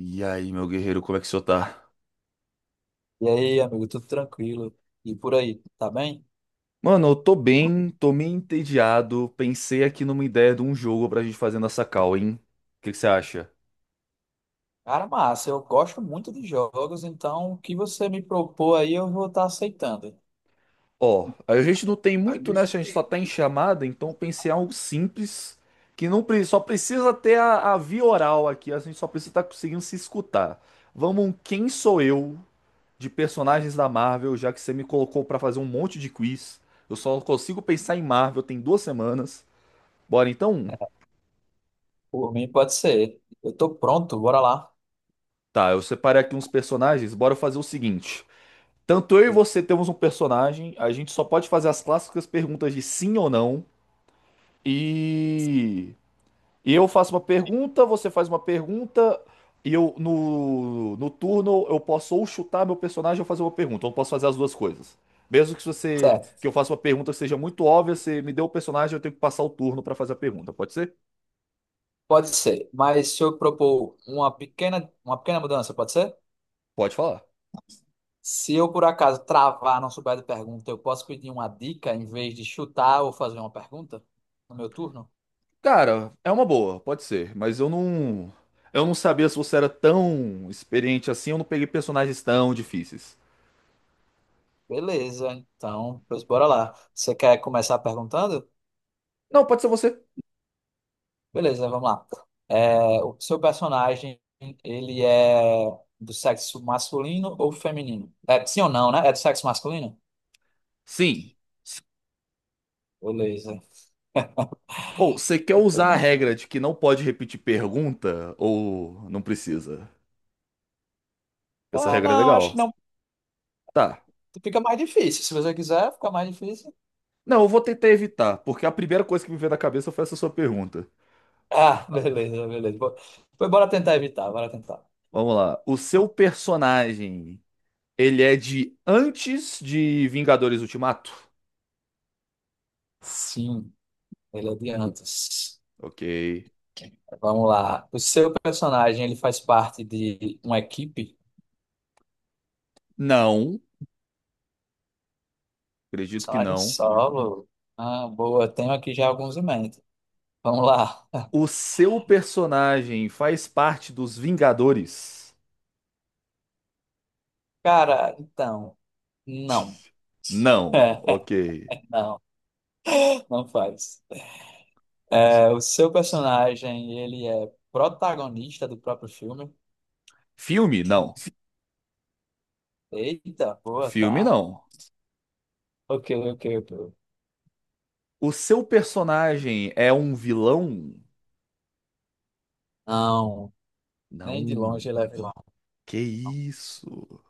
E aí, meu guerreiro, como é que o senhor tá? E aí, amigo, tudo tranquilo? E por aí, tá bem? Mano, eu tô bem, tô meio entediado. Pensei aqui numa ideia de um jogo pra gente fazer nessa call, hein? O que que você acha? Cara, massa, eu gosto muito de jogos, então o que você me propor aí eu vou estar aceitando. Ó, a gente não tem muito, né? A gente só tá em chamada, então eu pensei em algo simples, que não pre- só precisa ter a via oral aqui, a gente só precisa estar conseguindo se escutar. Vamos, um quem sou eu de personagens da Marvel, já que você me colocou pra fazer um monte de quiz. Eu só consigo pensar em Marvel tem duas semanas. Bora então? Por mim, pode ser. Eu tô pronto, bora lá. Tá, eu separei aqui uns personagens. Bora fazer o seguinte. Tanto eu e você temos um personagem, a gente só pode fazer as clássicas perguntas de sim ou não. E, e eu faço uma pergunta, você faz uma pergunta, e eu no turno eu posso ou chutar meu personagem ou fazer uma pergunta. Eu não posso fazer as duas coisas. Mesmo que você que Certo, eu faça uma pergunta que seja muito óbvia, você me deu o personagem, eu tenho que passar o turno pra fazer a pergunta. Pode ser? pode ser. Mas se eu propor uma pequena mudança, pode ser? Pode falar. Se eu por acaso travar, não souber de pergunta, eu posso pedir uma dica em vez de chutar ou fazer uma pergunta no meu turno? Cara, é uma boa, pode ser, mas eu não. Eu não sabia se você era tão experiente assim, eu não peguei personagens tão difíceis. Beleza, então, pois bora lá. Você quer começar perguntando? Não, pode ser você. Beleza, vamos lá. É, o seu personagem, ele é do sexo masculino ou feminino? É, sim ou não, né? É do sexo masculino? Sim. Beleza. Ou você quer usar a regra de que não pode repetir pergunta ou não precisa? Essa Ah, regra é não, acho que legal. não. Tá. Fica mais difícil. Se você quiser, fica mais difícil. Não, eu vou tentar evitar, porque a primeira coisa que me veio na cabeça foi essa sua pergunta. Ah, beleza, beleza. Pois bora tentar evitar, bora tentar. Vamos lá. O seu personagem, ele é de antes de Vingadores Ultimato? Sim, ele é de antes. Ok. Vamos lá. O seu personagem, ele faz parte de uma equipe? Não, acredito que Personagem não. solo. Ah, boa. Tenho aqui já alguns em mente. Vamos lá. O seu personagem faz parte dos Vingadores? Cara, então, não. Não, ok. Não, não faz. É, o seu personagem, ele é protagonista do próprio filme. Filme? Não. Eita, boa, Filme tá? não. Ok, ok, ok. O seu personagem é um vilão? Não, nem de Não. longe ele é vilão. Que isso?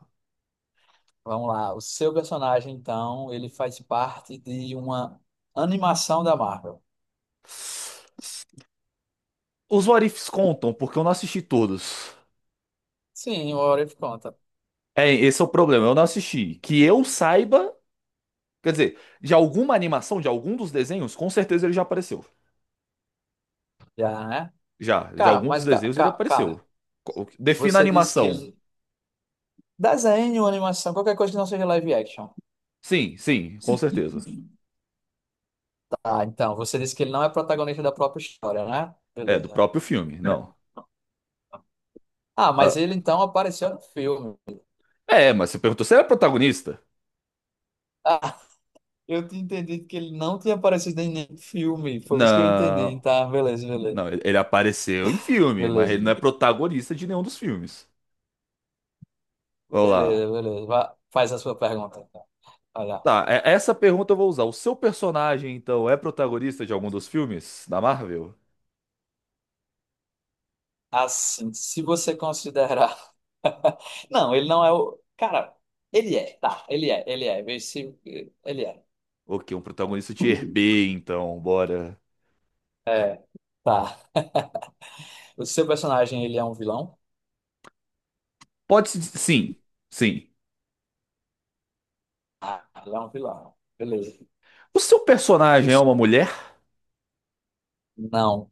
Vamos lá. O seu personagem, então, ele faz parte de uma animação da Marvel. Os What Ifs contam, porque eu não assisti todos. Sim, o Orif conta. É, esse é o problema, eu não assisti. Que eu saiba, quer dizer, de alguma animação, de algum dos desenhos, com certeza ele já apareceu. Já, né? Já, de Cara, algum dos mas, desenhos ele cara, apareceu. Co- Defina a você disse que animação. ele... Desenho, animação, qualquer coisa que não seja live action. Sim, sim, com certeza. Ah, então, você disse que ele não é protagonista da própria história, né? É, do Beleza. próprio filme, não. Ah, mas Ah, ele então apareceu no filme. é, mas você perguntou se ele é protagonista? Ah, eu tinha entendido que ele não tinha aparecido em nenhum filme. Foi isso que eu entendi. Não, Tá, beleza, beleza. não, ele apareceu em filme, mas Beleza, ele não é protagonista de nenhum dos filmes. Vamos lá. beleza, beleza. Vá, faz a sua pergunta então. Olha, Tá, essa pergunta eu vou usar. O seu personagem, então, é protagonista de algum dos filmes da Marvel? assim, se você considerar. Não, ele não é o. Cara, ele é, tá, ele é, ele é. Vê se. Ele é. Ok, um protagonista de B, então, bora. É, tá. O seu personagem, ele é um vilão? Pode se. Diz- Sim, sim. Ah, ele é um vilão. Beleza. O seu personagem é uma mulher? Não,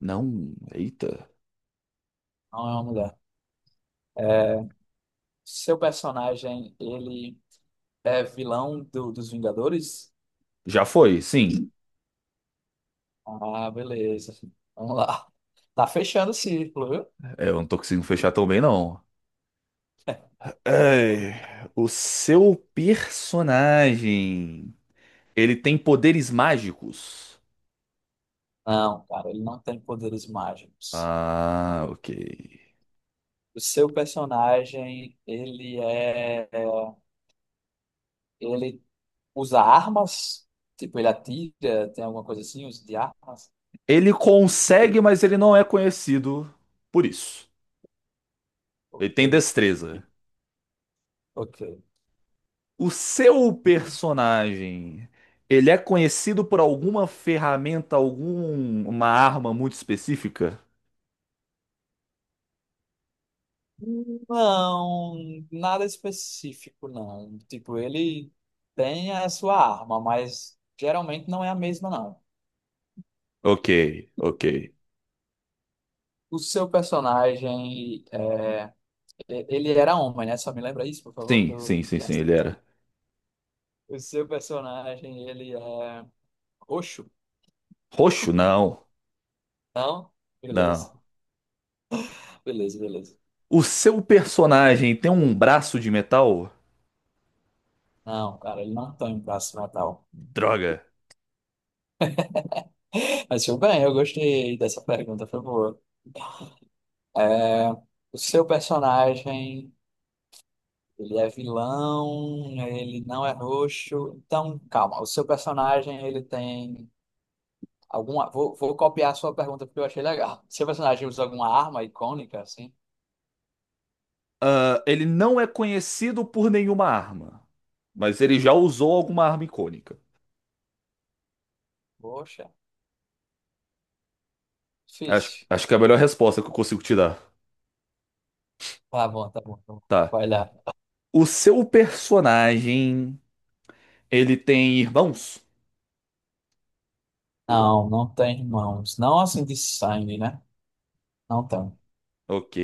Não, eita. não é uma mulher. É, seu personagem, ele é dos Vingadores? Já foi, sim. Ah, beleza. Vamos lá. Tá fechando o círculo, viu? É, eu não tô conseguindo fechar tão bem, não. Ai, o seu personagem, ele tem poderes mágicos? Não, cara, ele não tem poderes mágicos. Ah, ok. O seu personagem, ele é, ele usa armas? Tipo, ele atira, tem alguma coisa assim, uso de armas? Ele consegue, mas ele não é conhecido por isso. Ele Ok, tem ok, destreza. ok. O seu personagem, ele é conhecido por alguma ferramenta, alguma arma muito específica? Não, nada específico, não. Tipo, ele tem a sua arma, mas geralmente não é a mesma, não. Ok, ok. O seu personagem, é, ele era homem, né? Só me lembra isso, por favor. que Sim, eu- sim, sim, sim, ele era. O seu personagem, ele é roxo? Roxo? Não, Não? Beleza, não. beleza, beleza. O seu personagem tem um braço de metal? Não, cara, ele não tem um braço metal. Droga. Mas tudo bem, eu gostei dessa pergunta, por favor. É, o seu personagem. Ele é vilão, ele não é roxo. Então, calma. O seu personagem, ele tem alguma. Vou copiar a sua pergunta porque eu achei legal. Seu personagem usa alguma arma icônica, assim? Ah, ele não é conhecido por nenhuma arma, mas ele já usou alguma arma icônica. Poxa, Acho, difícil. acho que é a melhor resposta que eu consigo te dar. Tá bom, tá bom, tá bom. Tá. Vai lá. O seu personagem, ele tem irmãos? Não, não tem irmãos. Não assim de sangue, né? Não tem. Ok.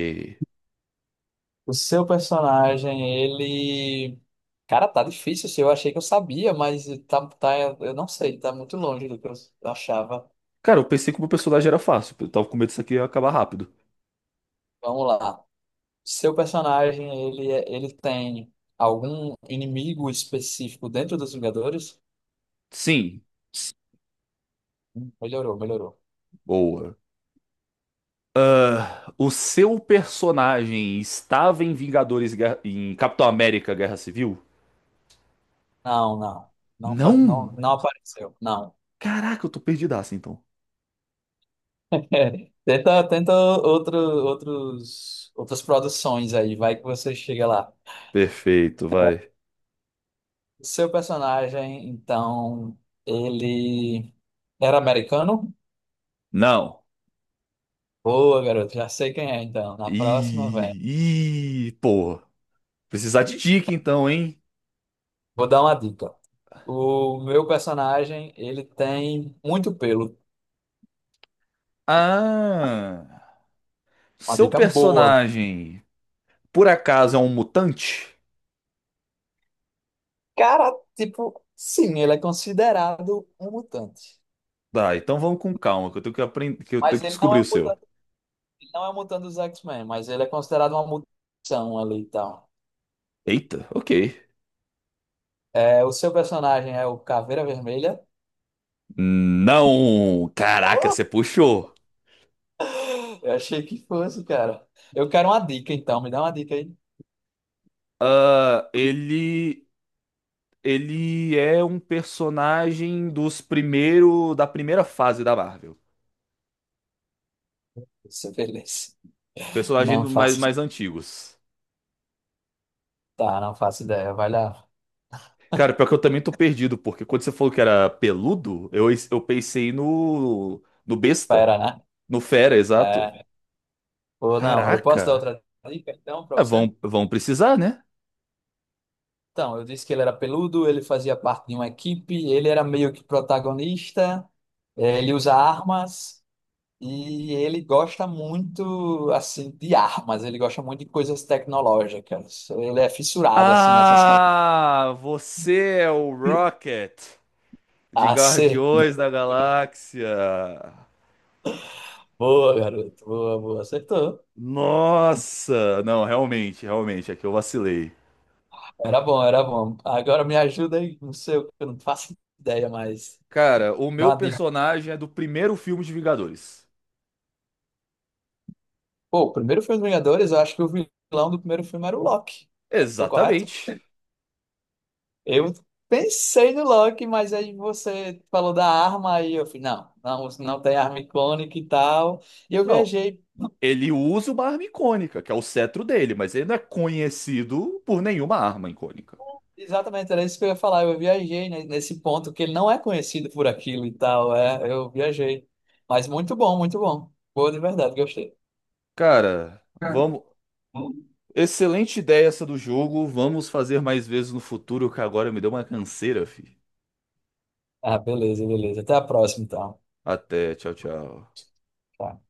O seu personagem, ele. Cara, tá difícil assim. Eu achei que eu sabia, mas tá, tá, eu não sei. Tá muito longe do que eu achava. Cara, eu pensei que o meu personagem era fácil. Eu tava com medo disso aqui ia acabar rápido. Vamos lá. Seu personagem, ele, ele tem algum inimigo específico dentro dos Vingadores? Sim, Melhorou, melhorou. boa. O seu personagem estava em em Capitão América Guerra Civil? Não, não. Não, faz, Não! não, não apareceu. Não. Caraca, eu tô perdidaço então. Tenta, tenta outro, outros, outras produções aí, vai que você chega lá. Perfeito, vai. Seu personagem, então, ele era americano? Não. Boa, garoto, já sei quem é, então. Na próxima, vem. E, pô, precisar de dica então, hein? Vou dar uma dica. O meu personagem, ele tem muito pelo. Ah, Uma seu dica boa. personagem por acaso é um mutante? Cara, tipo, sim, ele é considerado um mutante. Tá, então vamos com calma, que eu tenho que aprender, que eu tenho Mas que ele não descobrir é o um seu. mutante, ele não é um mutante dos X-Men, mas ele é considerado uma mutação ali e tal. Eita, ok. É, o seu personagem é o Caveira Vermelha? Não, caraca, você Oh, puxou. eu achei que fosse, cara. Eu quero uma dica, então. Me dá uma dica aí. Ah, ele é um personagem dos primeiro, da primeira fase da Marvel. Isso, beleza. Personagem Não mais, faço. mais antigos. Tá, não faço ideia. Vai lá. Cara, pior que eu também tô perdido, porque quando você falou que era peludo, eu pensei no besta, Espera, né? no fera, exato. É. Ou não, eu posso Caraca, dar outra dica, então, pra Ah, você? Vão precisar, né? Então, eu disse que ele era peludo, ele fazia parte de uma equipe, ele era meio que protagonista, ele usa armas e ele gosta muito, assim, de armas, ele gosta muito de coisas tecnológicas. Ele é fissurado, assim, nessas... Ah, você é o Rocket de Guardiões Acertou. da Galáxia. Boa, garoto. Boa, boa. Acertou. Nossa, não, realmente, realmente, é que eu vacilei. Era bom, era bom. Agora me ajuda aí, não sei, eu não faço ideia, mas Cara, o dá meu uma dica. personagem é do primeiro filme de Vingadores. Pô, o primeiro filme dos Vingadores, eu acho que o vilão do primeiro filme era o Loki. É, tô correto? Exatamente. Eu pensei no Loki, mas aí você falou da arma aí eu falei, não, não, não tem arma icônica e tal. E eu Não, viajei, Ele usa uma arma icônica, que é o cetro dele, mas ele não é conhecido por nenhuma arma icônica. exatamente, era isso que eu ia falar. Eu viajei nesse ponto que ele não é conhecido por aquilo e tal. É, eu viajei. Mas muito bom, muito bom. Boa de verdade, gostei. Cara, Cara, vamos. Excelente ideia essa do jogo. Vamos fazer mais vezes no futuro, que agora me deu uma canseira, fi. ah, beleza, beleza. Até a próxima, então. Até, tchau, tchau. Tchau.